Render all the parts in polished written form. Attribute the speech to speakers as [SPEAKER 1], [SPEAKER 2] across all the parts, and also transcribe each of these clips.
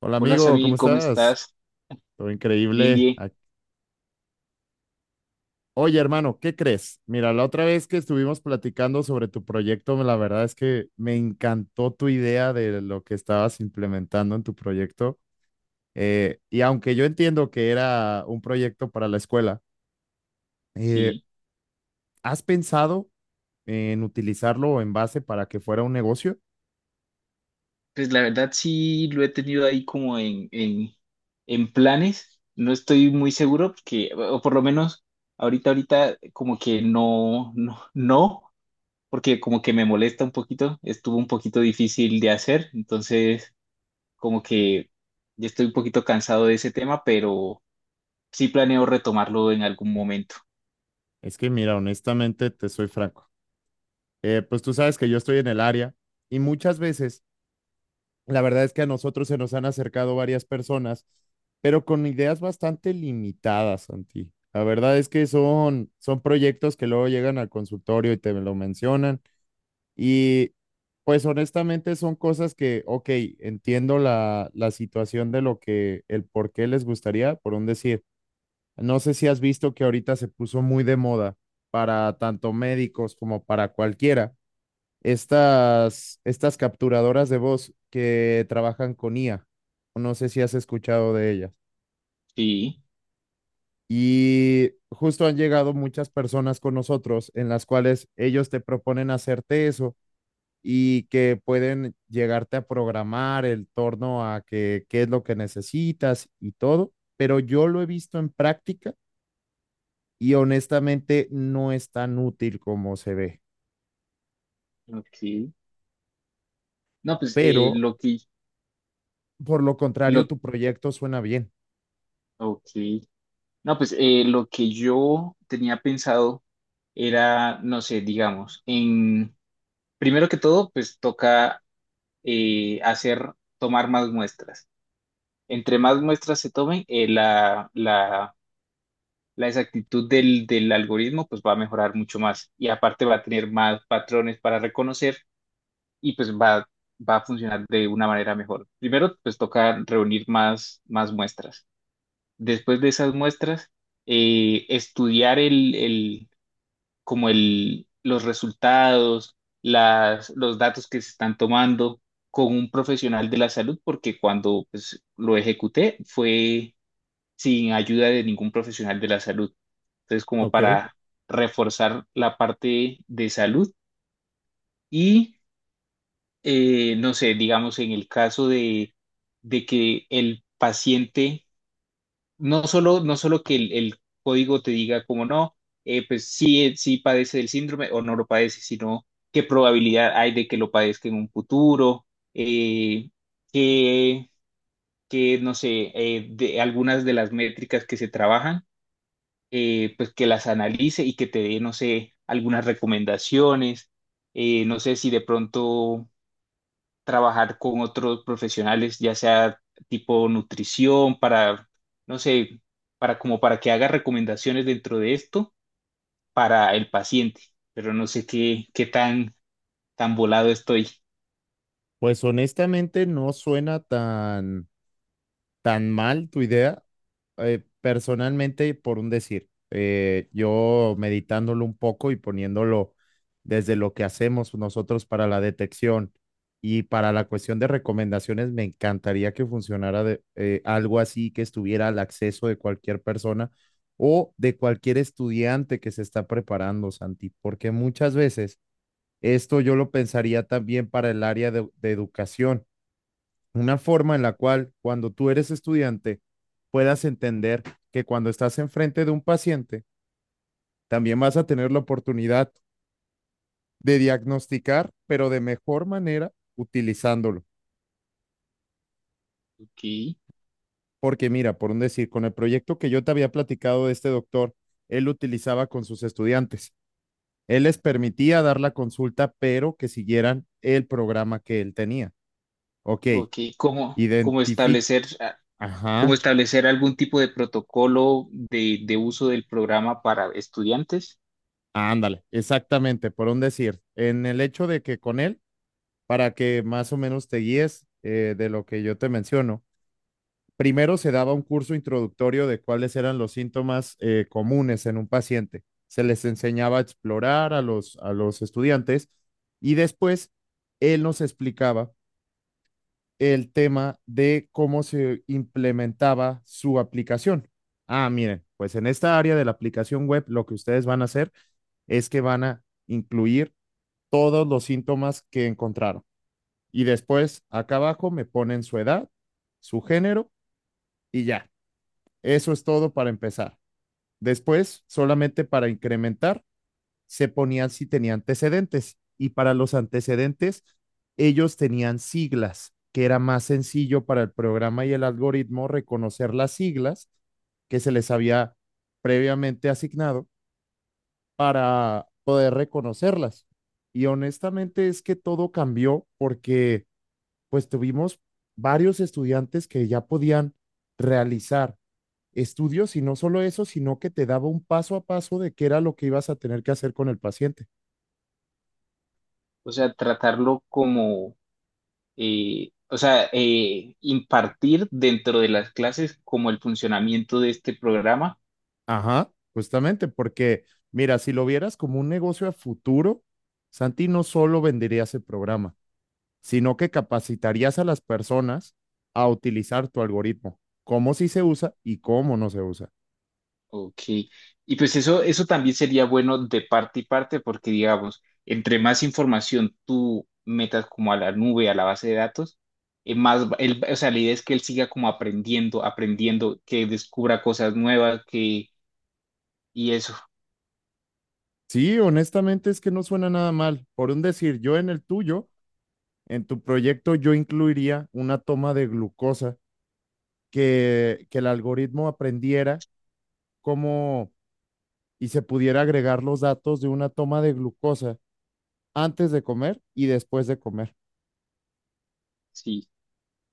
[SPEAKER 1] Hola
[SPEAKER 2] Hola
[SPEAKER 1] amigo, ¿cómo
[SPEAKER 2] Samir, ¿cómo
[SPEAKER 1] estás?
[SPEAKER 2] estás?
[SPEAKER 1] Todo
[SPEAKER 2] Bien,
[SPEAKER 1] increíble.
[SPEAKER 2] bien.
[SPEAKER 1] Ac- Oye hermano, ¿qué crees? Mira, la otra vez que estuvimos platicando sobre tu proyecto, la verdad es que me encantó tu idea de lo que estabas implementando en tu proyecto. Y aunque yo entiendo que era un proyecto para la escuela, eh,
[SPEAKER 2] Sí,
[SPEAKER 1] ¿has pensado en utilizarlo en base para que fuera un negocio?
[SPEAKER 2] pues la verdad sí lo he tenido ahí como en planes. No estoy muy seguro porque, o por lo menos ahorita como que no, no, no, porque como que me molesta un poquito. Estuvo un poquito difícil de hacer, entonces como que ya estoy un poquito cansado de ese tema, pero sí planeo retomarlo en algún momento.
[SPEAKER 1] Es que mira, honestamente te soy franco. Pues tú sabes que yo estoy en el área y muchas veces la verdad es que a nosotros se nos han acercado varias personas, pero con ideas bastante limitadas, Santi. La verdad es que son proyectos que luego llegan al consultorio y te lo mencionan. Y pues honestamente son cosas que, ok, entiendo la situación de lo que, el por qué les gustaría, por un decir. No sé si has visto que ahorita se puso muy de moda para tanto médicos como para cualquiera estas capturadoras de voz que trabajan con IA. No sé si has escuchado de ellas.
[SPEAKER 2] Sí,
[SPEAKER 1] Y justo han llegado muchas personas con nosotros en las cuales ellos te proponen hacerte eso y que pueden llegarte a programar el torno a que, qué es lo que necesitas y todo. Pero yo lo he visto en práctica y honestamente no es tan útil como se ve.
[SPEAKER 2] ok. No, pues
[SPEAKER 1] Pero por lo contrario,
[SPEAKER 2] lo,
[SPEAKER 1] tu proyecto suena bien.
[SPEAKER 2] ok. No, pues lo que yo tenía pensado era, no sé, digamos, en primero que todo, pues toca hacer, tomar más muestras. Entre más muestras se tomen, la exactitud del algoritmo pues va a mejorar mucho más y aparte va a tener más patrones para reconocer y pues va, va a funcionar de una manera mejor. Primero, pues toca reunir más muestras. Después de esas muestras, estudiar como los resultados, los datos que se están tomando con un profesional de la salud, porque cuando pues, lo ejecuté fue sin ayuda de ningún profesional de la salud. Entonces, como
[SPEAKER 1] Ok.
[SPEAKER 2] para reforzar la parte de salud y, no sé, digamos, en el caso de que el paciente no solo que el código te diga como no, pues sí, sí padece del síndrome o no lo padece, sino qué probabilidad hay de que lo padezca en un futuro, eh, que, no sé, de algunas de las métricas que se trabajan, pues que las analice y que te dé, no sé, algunas recomendaciones, no sé si de pronto trabajar con otros profesionales, ya sea tipo nutrición, para, no sé, para como para que haga recomendaciones dentro de esto para el paciente, pero no sé qué tan, tan volado estoy.
[SPEAKER 1] Pues honestamente no suena tan mal tu idea. Personalmente, por un decir, yo meditándolo un poco y poniéndolo desde lo que hacemos nosotros para la detección y para la cuestión de recomendaciones, me encantaría que funcionara de, algo así, que estuviera al acceso de cualquier persona o de cualquier estudiante que se está preparando, Santi, porque muchas veces esto yo lo pensaría también para el área de educación, una forma en la cual cuando tú eres estudiante puedas entender que cuando estás enfrente de un paciente, también vas a tener la oportunidad de diagnosticar, pero de mejor manera utilizándolo.
[SPEAKER 2] Ok,
[SPEAKER 1] Porque mira, por un decir, con el proyecto que yo te había platicado de este doctor, él utilizaba con sus estudiantes. Él les permitía dar la consulta, pero que siguieran el programa que él tenía. Ok,
[SPEAKER 2] ok, ¿cómo, cómo
[SPEAKER 1] identifica.
[SPEAKER 2] establecer, ah, cómo
[SPEAKER 1] Ajá,
[SPEAKER 2] establecer algún tipo de protocolo de uso del programa para estudiantes?
[SPEAKER 1] ándale, exactamente, por un decir. En el hecho de que con él, para que más o menos te guíes, de lo que yo te menciono. Primero se daba un curso introductorio de cuáles eran los síntomas, comunes en un paciente. Se les enseñaba a explorar a los estudiantes y después él nos explicaba el tema de cómo se implementaba su aplicación. Ah, miren, pues en esta área de la aplicación web lo que ustedes van a hacer es que van a incluir todos los síntomas que encontraron. Y después, acá abajo, me ponen su edad, su género y ya. Eso es todo para empezar. Después, solamente para incrementar, se ponían si tenía antecedentes. Y para los antecedentes, ellos tenían siglas, que era más sencillo para el programa y el algoritmo reconocer las siglas que se les había previamente asignado para poder reconocerlas. Y honestamente es que todo cambió porque pues tuvimos varios estudiantes que ya podían realizar estudios y no solo eso, sino que te daba un paso a paso de qué era lo que ibas a tener que hacer con el paciente.
[SPEAKER 2] O sea, tratarlo como o sea, impartir dentro de las clases como el funcionamiento de este programa.
[SPEAKER 1] Ajá, justamente, porque mira, si lo vieras como un negocio a futuro, Santi no solo vendería ese programa, sino que capacitarías a las personas a utilizar tu algoritmo, cómo sí se usa y cómo no se usa.
[SPEAKER 2] Ok. Y pues eso también sería bueno de parte y parte porque, digamos, entre más información tú metas como a la nube, a la base de datos, más, va- él- o sea, la idea es que él siga como aprendiendo, aprendiendo, que descubra cosas nuevas, que, y eso,
[SPEAKER 1] Sí, honestamente es que no suena nada mal. Por un decir, yo en el tuyo, en tu proyecto, yo incluiría una toma de glucosa que el algoritmo aprendiera cómo, y se pudiera agregar los datos de una toma de glucosa antes de comer y después de comer.
[SPEAKER 2] sí.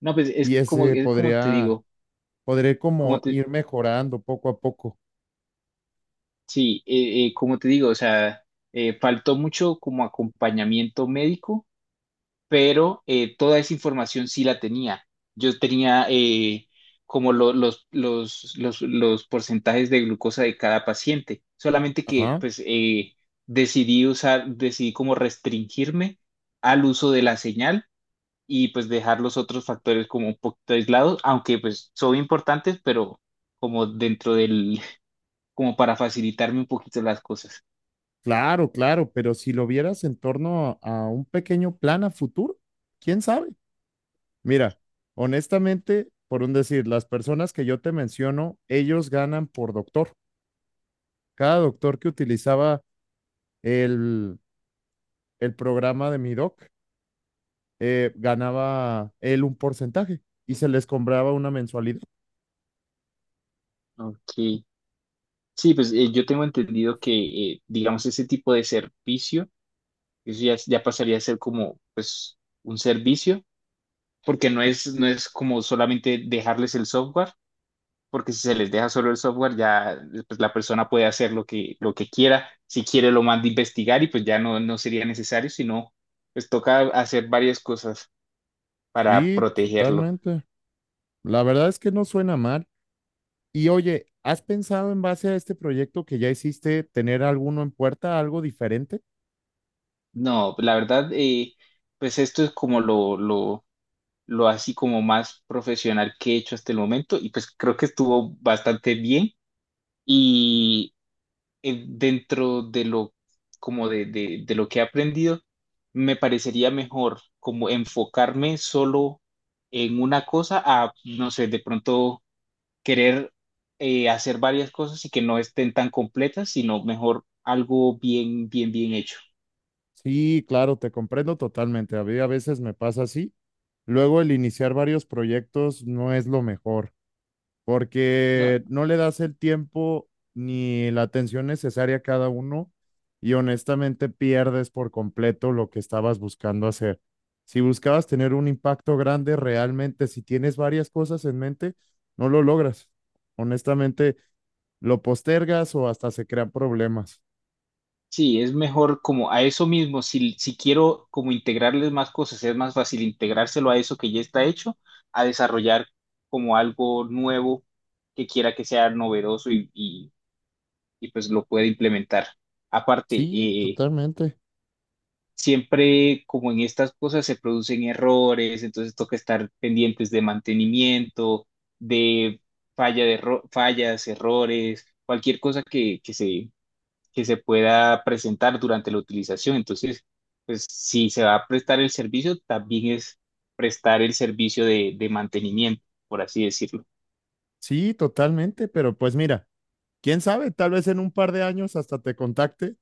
[SPEAKER 2] No, pues
[SPEAKER 1] Y ese
[SPEAKER 2] es como te
[SPEAKER 1] podría,
[SPEAKER 2] digo.
[SPEAKER 1] podría como ir mejorando poco a poco.
[SPEAKER 2] Sí, como te digo, o sea, faltó mucho como acompañamiento médico, pero toda esa información sí la tenía. Yo tenía como lo- los porcentajes de glucosa de cada paciente, solamente que
[SPEAKER 1] Ajá.
[SPEAKER 2] pues decidí usar, decidí como restringirme al uso de la señal y pues dejar los otros factores como un poquito aislados, aunque pues son importantes, pero como dentro del, como para facilitarme un poquito las cosas.
[SPEAKER 1] Claro, claro, pero si lo vieras en torno a un pequeño plan a futuro, ¿quién sabe? Mira, honestamente, por un decir, las personas que yo te menciono, ellos ganan por doctor. Cada doctor que utilizaba el, el programa de mi doc, ganaba él un porcentaje y se les cobraba una mensualidad.
[SPEAKER 2] Ok. Sí, pues yo tengo entendido que, digamos, ese tipo de servicio, eso ya, ya pasaría a ser como, pues, un servicio, porque no es como solamente dejarles el software, porque si se les deja solo el software, ya pues, la persona puede hacer lo que quiera, si quiere lo manda a investigar y pues ya no, no sería necesario, sino pues toca hacer varias cosas para
[SPEAKER 1] Sí,
[SPEAKER 2] protegerlo.
[SPEAKER 1] totalmente. La verdad es que no suena mal. Y oye, ¿has pensado en base a este proyecto que ya hiciste tener alguno en puerta, algo diferente?
[SPEAKER 2] No, la verdad, pues esto es como lo así como más profesional que he hecho hasta el momento y pues creo que estuvo bastante bien y dentro de lo como de lo que he aprendido me parecería mejor como enfocarme solo en una cosa a no sé de pronto querer hacer varias cosas y que no estén tan completas sino mejor algo bien bien bien hecho.
[SPEAKER 1] Sí, claro, te comprendo totalmente. A mí a veces me pasa así. Luego el iniciar varios proyectos no es lo mejor,
[SPEAKER 2] No,
[SPEAKER 1] porque no le das el tiempo ni la atención necesaria a cada uno y honestamente pierdes por completo lo que estabas buscando hacer. Si buscabas tener un impacto grande, realmente, si tienes varias cosas en mente, no lo logras. Honestamente, lo postergas o hasta se crean problemas.
[SPEAKER 2] sí, es mejor como a eso mismo, si, si quiero como integrarles más cosas, es más fácil integrárselo a eso que ya está hecho, a desarrollar como algo nuevo que quiera que sea novedoso y, pues lo pueda implementar. Aparte,
[SPEAKER 1] Sí, totalmente.
[SPEAKER 2] siempre como en estas cosas se producen errores, entonces toca estar pendientes de mantenimiento, de falla de erro- fallas, errores, cualquier cosa que, que se pueda presentar durante la utilización. Entonces, pues si se va a prestar el servicio, también es prestar el servicio de mantenimiento, por así decirlo.
[SPEAKER 1] Sí, totalmente, pero pues mira, quién sabe, tal vez en un par de años hasta te contacte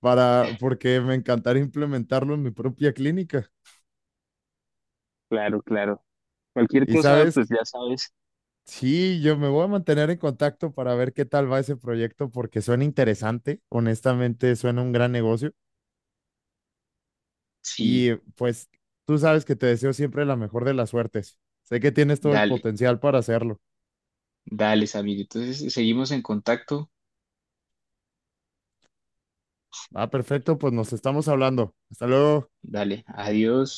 [SPEAKER 1] para, porque me encantaría implementarlo en mi propia clínica.
[SPEAKER 2] Claro, claro. Cualquier
[SPEAKER 1] Y
[SPEAKER 2] cosa,
[SPEAKER 1] sabes,
[SPEAKER 2] pues ya sabes.
[SPEAKER 1] sí, yo me voy a mantener en contacto para ver qué tal va ese proyecto porque suena interesante, honestamente suena un gran negocio
[SPEAKER 2] Sí,
[SPEAKER 1] y pues tú sabes que te deseo siempre la mejor de las suertes. Sé que tienes todo el
[SPEAKER 2] dale,
[SPEAKER 1] potencial para hacerlo.
[SPEAKER 2] dale, Samir. Entonces, seguimos en contacto.
[SPEAKER 1] Ah, perfecto, pues nos estamos hablando. Hasta luego.
[SPEAKER 2] Dale, adiós.